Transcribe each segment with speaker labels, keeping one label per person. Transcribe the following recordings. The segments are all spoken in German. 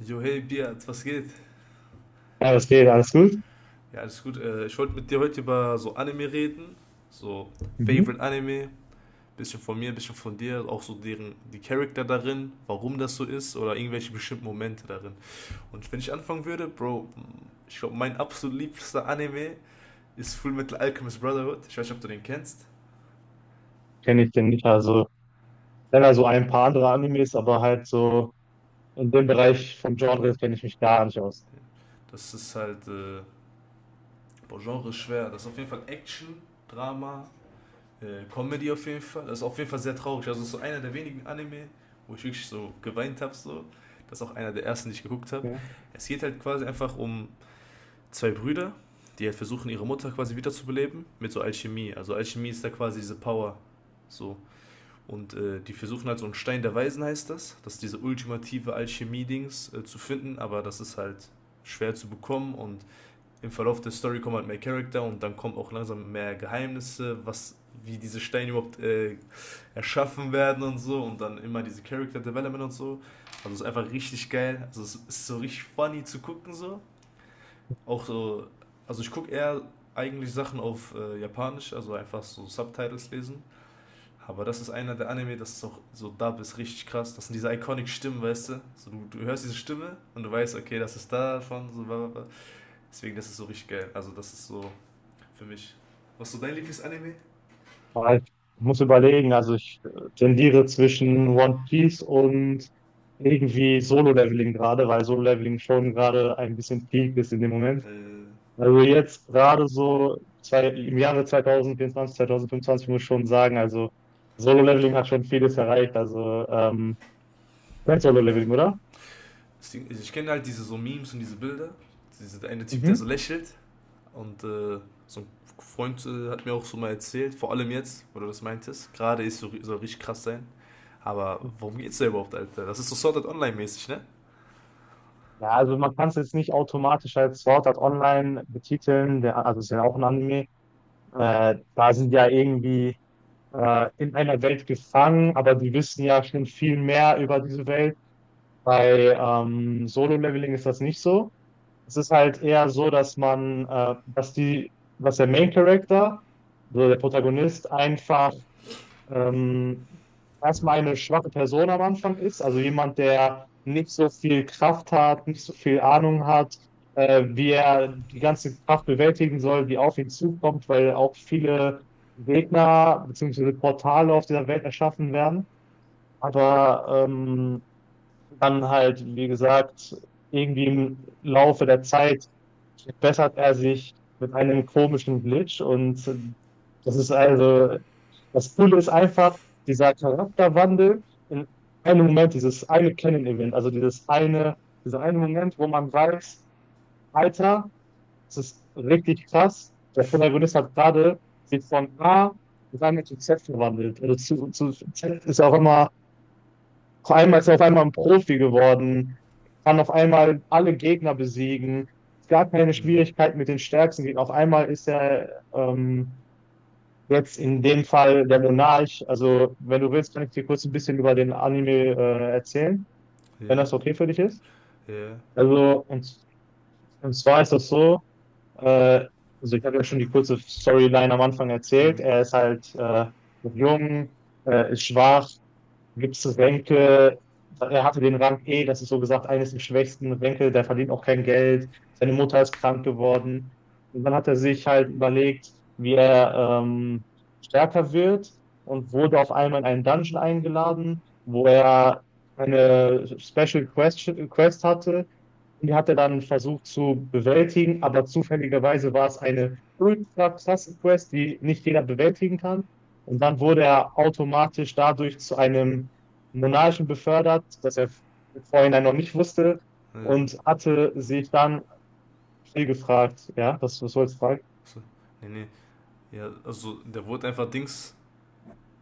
Speaker 1: Jo, hey Biat, was geht?
Speaker 2: Ja, das geht, alles gut.
Speaker 1: Ja, alles gut. Ich wollte mit dir heute über so Anime reden. So,
Speaker 2: Mhm.
Speaker 1: Favorite Anime. Bisschen von mir, bisschen von dir. Auch so deren, die Charakter darin, warum das so ist oder irgendwelche bestimmten Momente darin. Und wenn ich anfangen würde, Bro, ich glaube, mein absolut liebster Anime ist Fullmetal Alchemist Brotherhood. Ich weiß nicht, ob du den kennst.
Speaker 2: Kenne ich den nicht. Also, kenne also ein paar andere Animes, aber halt so in dem Bereich vom Genre kenne ich mich gar nicht aus.
Speaker 1: Das ist halt, boah, Genre ist schwer. Das ist auf jeden Fall Action, Drama, Comedy auf jeden Fall. Das ist auf jeden Fall sehr traurig. Also, so einer der wenigen Anime, wo ich wirklich so geweint habe. So. Das ist auch einer der ersten, die ich geguckt habe.
Speaker 2: Ja.
Speaker 1: Es geht halt quasi einfach um zwei Brüder, die halt versuchen, ihre Mutter quasi wiederzubeleben mit so Alchemie. Also, Alchemie ist da quasi diese Power. So. Und die versuchen halt so einen Stein der Weisen, heißt das. Das ist diese ultimative Alchemie-Dings zu finden, aber das ist halt schwer zu bekommen und im Verlauf der Story kommen halt mehr Charakter und dann kommen auch langsam mehr Geheimnisse, was wie diese Steine überhaupt erschaffen werden und so und dann immer diese Character Development und so. Also es ist einfach richtig geil. Also es ist so richtig funny zu gucken so. Auch so, also ich gucke eher eigentlich Sachen auf Japanisch, also einfach so Subtitles lesen. Aber das ist einer der Anime, das ist auch so Dub ist richtig krass. Das sind diese iconic Stimmen, weißt du? So, du hörst diese Stimme und du weißt, okay, das ist davon, so bla bla. Deswegen, das ist so richtig geil. Also das ist so für mich. Was ist so dein Lieblingsanime?
Speaker 2: Aber ich muss überlegen, also ich tendiere zwischen One Piece und irgendwie Solo-Leveling gerade, weil Solo-Leveling schon
Speaker 1: Oh.
Speaker 2: gerade ein bisschen peak ist in dem Moment.
Speaker 1: Äh,
Speaker 2: Also jetzt gerade so zwei, im Jahre 2024, 2025 muss ich schon sagen, also Solo-Leveling hat schon vieles erreicht. Also du kennst Solo-Leveling, oder?
Speaker 1: ich kenne halt diese so Memes und diese Bilder. Dieser eine Typ, der so
Speaker 2: Mhm.
Speaker 1: lächelt. Und so ein Freund hat mir auch so mal erzählt, vor allem jetzt, wo du das meintest. Gerade ist so, soll richtig krass sein. Aber worum geht's da überhaupt, Alter? Das ist so Sword Art Online-mäßig, ne?
Speaker 2: Ja, also man kann es jetzt nicht automatisch als Sword Art Online betiteln, der, also es ist ja auch ein Anime. Ja. Da sind ja irgendwie in einer Welt gefangen, aber die wissen ja schon viel mehr über diese Welt. Bei Solo-Leveling ist das nicht so. Es ist halt eher so, dass man, dass die, dass der Main Character, so der Protagonist, einfach ähm, erstmal eine schwache Person am Anfang ist, also jemand, der nicht so viel Kraft hat, nicht so viel Ahnung hat, wie er die ganze Kraft bewältigen soll, die auf ihn zukommt, weil auch viele Gegner bzw. Portale auf dieser Welt erschaffen werden. Aber dann halt, wie gesagt, irgendwie im Laufe der Zeit bessert er sich mit einem komischen Glitch, und das ist also, das Coole ist einfach dieser Charakterwandel in einem Moment, dieses eine Canon-Event, also dieser eine Moment, wo man weiß, Alter, das ist richtig krass, der Protagonist hat gerade sich von A auf einmal zu Z verwandelt. Also zu Z ist ja auch immer, auf einmal ist er auf einmal ein Profi geworden, kann auf einmal alle Gegner besiegen. Es gab keine
Speaker 1: Hm.
Speaker 2: Schwierigkeit mit den stärksten Gegnern. Auf einmal ist er jetzt in dem Fall der Monarch. Also, wenn du willst, kann ich dir kurz ein bisschen über den Anime erzählen, wenn
Speaker 1: Ja.
Speaker 2: das okay für dich ist.
Speaker 1: Ja.
Speaker 2: Also, und zwar ist das so, äh, also ich habe ja schon die kurze Storyline am Anfang
Speaker 1: Hm.
Speaker 2: erzählt. Er ist halt noch jung, ist schwach. Gibst du Senke, er hatte den Rang E, das ist so gesagt eines der schwächsten. Senke, der verdient auch kein Geld. Seine Mutter ist krank geworden. Und dann hat er sich halt überlegt, wie er stärker wird, und wurde auf einmal in einen Dungeon eingeladen, wo er eine Special Quest hatte. Die hat er dann versucht zu bewältigen, aber zufälligerweise war es eine ultra krasse Quest, die nicht jeder bewältigen kann. Und dann wurde er automatisch dadurch zu einem Monarchen befördert, das er vorhin noch nicht wusste,
Speaker 1: Äh,
Speaker 2: und hatte sich dann viel gefragt. Ja, das, was soll's fragen?
Speaker 1: so. Nee, nee. Ja, also der wurde einfach Dings.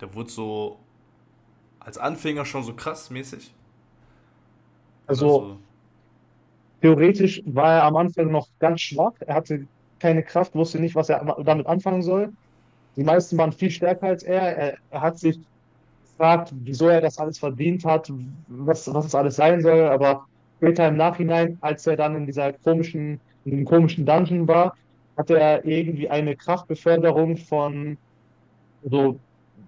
Speaker 1: Der wurde so als Anfänger schon so krass mäßig. Oder
Speaker 2: Also
Speaker 1: so.
Speaker 2: theoretisch war er am Anfang noch ganz schwach. Er hatte keine Kraft, wusste nicht, was er
Speaker 1: Hm.
Speaker 2: damit anfangen soll. Die meisten waren viel stärker als er. Er hat sich gefragt, wieso er das alles verdient hat, was, was es alles sein soll, aber später im Nachhinein, als er dann in dieser komischen, in dem komischen Dungeon war, hatte er irgendwie eine Kraftbeförderung von so.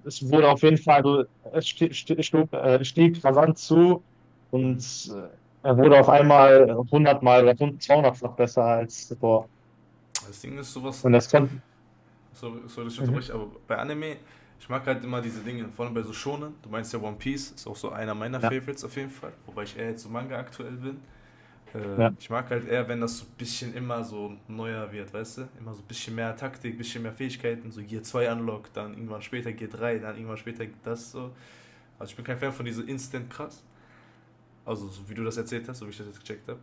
Speaker 2: Es wurde auf jeden Fall, also es stieg rasant zu, und
Speaker 1: Hm.
Speaker 2: äh, er wurde auf einmal hundertmal oder 200 besser als zuvor.
Speaker 1: Das Ding ist sowas,
Speaker 2: Und das konnte.
Speaker 1: sorry, sorry dass ich
Speaker 2: Mhm.
Speaker 1: unterbreche, aber bei Anime, ich mag halt immer diese Dinge, vor allem bei so Shonen. Du meinst ja One Piece, ist auch so einer meiner
Speaker 2: Ja,
Speaker 1: Favorites auf jeden Fall, wobei ich eher jetzt so Manga aktuell bin.
Speaker 2: ja.
Speaker 1: Ich mag halt eher, wenn das so ein bisschen immer so neuer wird, weißt du? Immer so ein bisschen mehr Taktik, ein bisschen mehr Fähigkeiten, so Gear 2 Unlock, dann irgendwann später Gear 3, dann irgendwann später das so. Also ich bin kein Fan von diese Instant krass, also so wie du das erzählt hast, so wie ich das jetzt gecheckt habe.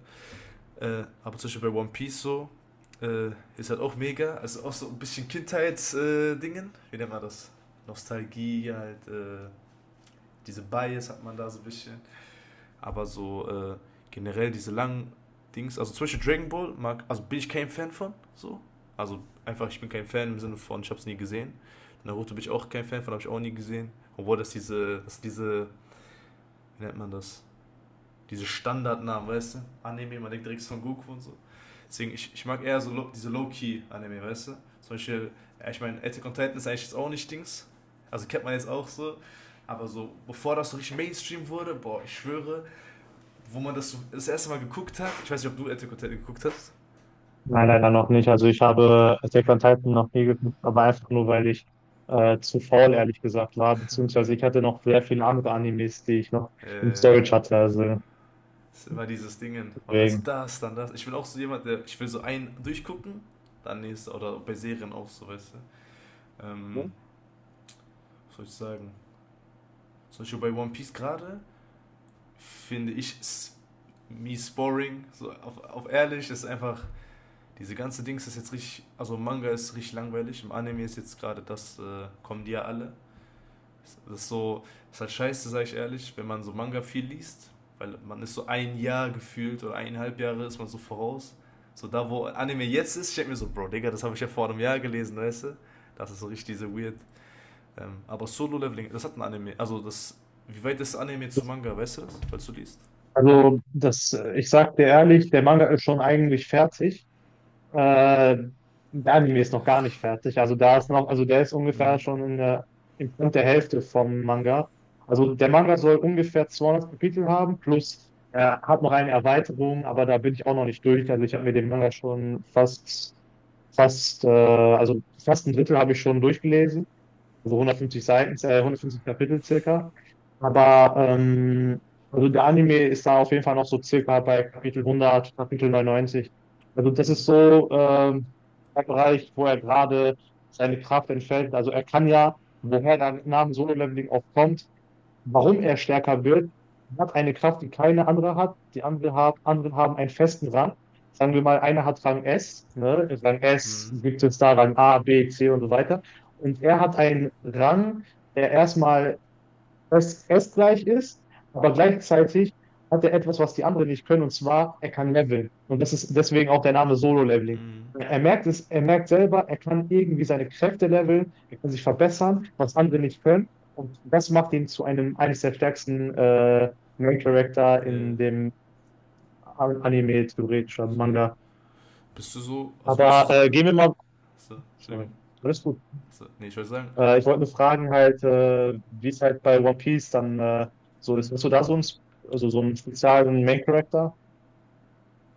Speaker 1: Aber zum Beispiel bei One Piece so, äh, ist halt auch mega. Also auch so ein bisschen Kindheitsdingen. Dingen. Wie nennt man das? Nostalgie, halt, diese Bias hat man da so ein bisschen. Aber so generell diese langen Dings, also zum Beispiel Dragon Ball, mag, also bin ich kein Fan von, so. Also einfach, ich bin kein Fan im Sinne von, ich hab's nie gesehen. Naruto bin ich auch kein Fan von, habe ich auch nie gesehen. Obwohl das diese, wie nennt man das? Diese Standardnamen, weißt du? Anime, man denkt direkt von Goku und so. Deswegen, ich mag eher so low, diese Low-Key-Anime, weißt du? Zum Beispiel, ja, ich meine, Attack on Titan ist eigentlich jetzt auch nicht Dings. Also kennt man jetzt auch so. Aber so, bevor das so richtig Mainstream wurde, boah, ich schwöre, wo man das so das erste Mal geguckt hat, ich weiß nicht, ob du Attack on Titan geguckt hast.
Speaker 2: Nein, leider noch nicht. Also ich habe Attack on Titan noch nie geguckt, aber einfach nur, weil ich zu faul, ehrlich gesagt, war. Beziehungsweise ich hatte noch sehr viele andere Animes, die ich noch im
Speaker 1: äh,
Speaker 2: Storage hatte. Also
Speaker 1: ist immer dieses Dingen. Man will so
Speaker 2: deswegen.
Speaker 1: das, dann das. Ich will auch so jemand, der, ich will so einen durchgucken, dann nächste, oder bei Serien auch so, weißt du. Ähm,
Speaker 2: Mhm.
Speaker 1: was soll ich sagen? Zum Beispiel bei One Piece gerade, finde ich, mies boring, so auf ehrlich, ist einfach, diese ganze Dings ist jetzt richtig, also Manga ist richtig langweilig, im Anime ist jetzt gerade das, kommen die ja alle. Das ist so, ist halt scheiße, sag ich ehrlich, wenn man so Manga viel liest, weil man ist so ein Jahr gefühlt oder eineinhalb Jahre ist man so voraus. So da, wo Anime jetzt ist, ich denke mir so, Bro, Digga, das habe ich ja vor einem Jahr gelesen, weißt du? Das ist so richtig diese weird. Aber Solo-Leveling, das hat ein Anime, also das, wie weit ist Anime zu Manga, weißt du das, falls du liest?
Speaker 2: Also ich sag dir ehrlich, der Manga ist schon eigentlich fertig. Äh, Der Anime ist noch gar nicht fertig. Also da ist noch, also der ist ungefähr
Speaker 1: Mhm.
Speaker 2: schon in der, im Punkt der Hälfte vom Manga. Also der Manga soll ungefähr 200 Kapitel haben, plus er hat noch eine Erweiterung, aber da bin ich auch noch nicht durch. Also ich habe mir den Manga schon fast ein Drittel habe ich schon durchgelesen, also 150 Seiten, 150 Kapitel circa. Aber also der Anime ist da auf jeden Fall noch so circa bei Kapitel 100, Kapitel 99. Also das ist
Speaker 1: Mhm.
Speaker 2: so der Bereich, wo er gerade seine Kraft entfällt. Also er kann ja, woher der Name Solo Leveling auch kommt, warum er stärker wird. Er hat eine Kraft, die keine andere hat. Die andere hat, anderen haben einen festen Rang. Sagen wir mal, einer hat Rang S, ne? Rang S
Speaker 1: Mhm.
Speaker 2: gibt es, da Rang A, B, C und so weiter. Und er hat einen Rang, der erstmal das es gleich ist, aber gleichzeitig hat er etwas, was die anderen nicht können, und zwar, er kann leveln. Und das ist deswegen auch der Name Solo-Leveling.
Speaker 1: Mhm.
Speaker 2: Er merkt es, er merkt selber, er kann irgendwie seine Kräfte leveln, er kann sich verbessern, was andere nicht können. Und das macht ihn zu einem eines der stärksten Main Character
Speaker 1: Nee.
Speaker 2: in dem Anime, theoretisch, oder
Speaker 1: So.
Speaker 2: Manga.
Speaker 1: Bist du so, also würdest du
Speaker 2: Aber
Speaker 1: sagen,
Speaker 2: gehen wir mal.
Speaker 1: so,
Speaker 2: Sorry,
Speaker 1: Entschuldigung,
Speaker 2: alles gut.
Speaker 1: so, nee, ich wollte sagen,
Speaker 2: Ich wollte nur fragen halt, wie es halt bei One Piece dann so ist.
Speaker 1: mhm,
Speaker 2: Hast du da so einen, also so einen speziellen Main Character?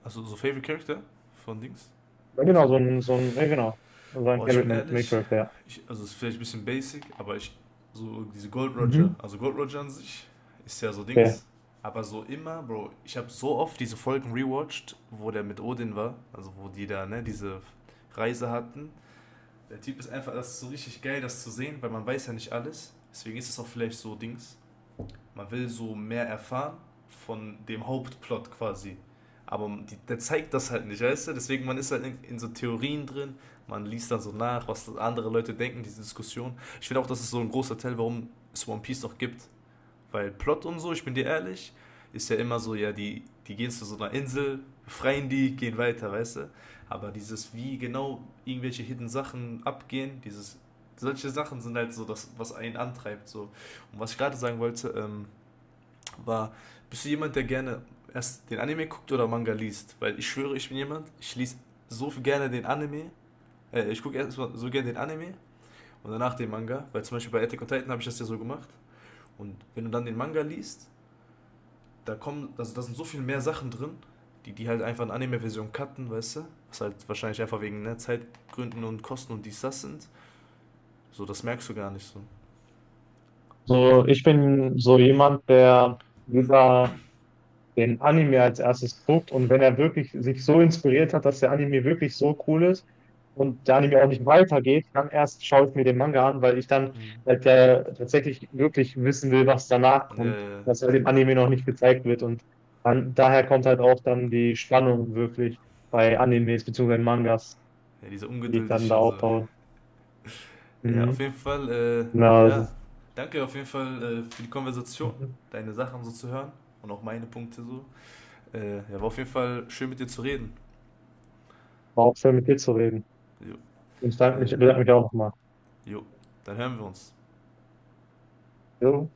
Speaker 1: also so Favorite Character von Dings?
Speaker 2: Ja, genau,
Speaker 1: Also,
Speaker 2: so ein, ja, genau, so ein
Speaker 1: boah, ich
Speaker 2: Favorite
Speaker 1: bin
Speaker 2: Main
Speaker 1: ehrlich,
Speaker 2: Character, ja.
Speaker 1: ich, also es ist vielleicht ein bisschen basic, aber ich, so diese Gold Roger,
Speaker 2: Mhm.
Speaker 1: also Gold Roger an sich ist ja so
Speaker 2: Okay.
Speaker 1: Dings, aber so immer, Bro, ich habe so oft diese Folgen rewatcht, wo der mit Odin war, also wo die da, ne, diese Reise hatten. Der Typ ist einfach, das ist so richtig geil, das zu sehen, weil man weiß ja nicht alles, deswegen ist es auch vielleicht so Dings. Man will so mehr erfahren von dem Hauptplot quasi. Aber die, der zeigt das halt nicht, weißt du? Deswegen, man ist halt in so Theorien drin, man liest dann so nach, was andere Leute denken, diese Diskussion. Ich finde auch, das ist so ein großer Teil, warum es One Piece noch gibt. Weil Plot und so, ich bin dir ehrlich, ist ja immer so, ja, die gehen zu so einer Insel, befreien die, gehen weiter, weißt du? Aber dieses, wie genau irgendwelche hidden Sachen abgehen, dieses, solche Sachen sind halt so das, was einen antreibt, so. Und was ich gerade sagen wollte, war, bist du jemand, der gerne erst den Anime guckt oder Manga liest? Weil ich schwöre, ich bin jemand, ich lese so viel gerne den Anime, ich gucke erstmal so gerne den Anime und danach den Manga, weil zum Beispiel bei Attack on Titan habe ich das ja so gemacht. Und wenn du dann den Manga liest, da kommen, also da sind so viel mehr Sachen drin, die die halt einfach in Anime-Version cutten, weißt du? Was halt wahrscheinlich einfach wegen ne, Zeitgründen und Kosten und dies, das sind. So, das merkst du gar nicht so.
Speaker 2: So, ich bin so jemand, der lieber den Anime als erstes guckt, und wenn er wirklich sich so inspiriert hat, dass der Anime wirklich so cool ist und der Anime auch nicht weitergeht, dann erst schaue ich mir den Manga an, weil ich dann halt der tatsächlich wirklich wissen will, was danach
Speaker 1: Ja, ja,
Speaker 2: kommt,
Speaker 1: ja.
Speaker 2: was ja dem Anime noch nicht gezeigt wird, und dann, daher kommt halt auch dann die Spannung wirklich bei Animes beziehungsweise Mangas,
Speaker 1: Ja, diese
Speaker 2: die ich dann
Speaker 1: ungeduldig
Speaker 2: da
Speaker 1: und so.
Speaker 2: aufbaue.
Speaker 1: Ja, auf
Speaker 2: Mhm.
Speaker 1: jeden Fall,
Speaker 2: Na, das
Speaker 1: ja,
Speaker 2: ist,
Speaker 1: danke auf jeden Fall für die Konversation,
Speaker 2: mhm.
Speaker 1: deine Sachen so zu hören und auch meine Punkte so. Ja, war auf jeden Fall schön mit dir zu reden.
Speaker 2: War auch schön mit dir zu reden.
Speaker 1: Jo,
Speaker 2: Ich danke mich,
Speaker 1: äh,
Speaker 2: bedanke mich auch nochmal.
Speaker 1: jo. Dann hören wir uns.
Speaker 2: Jo.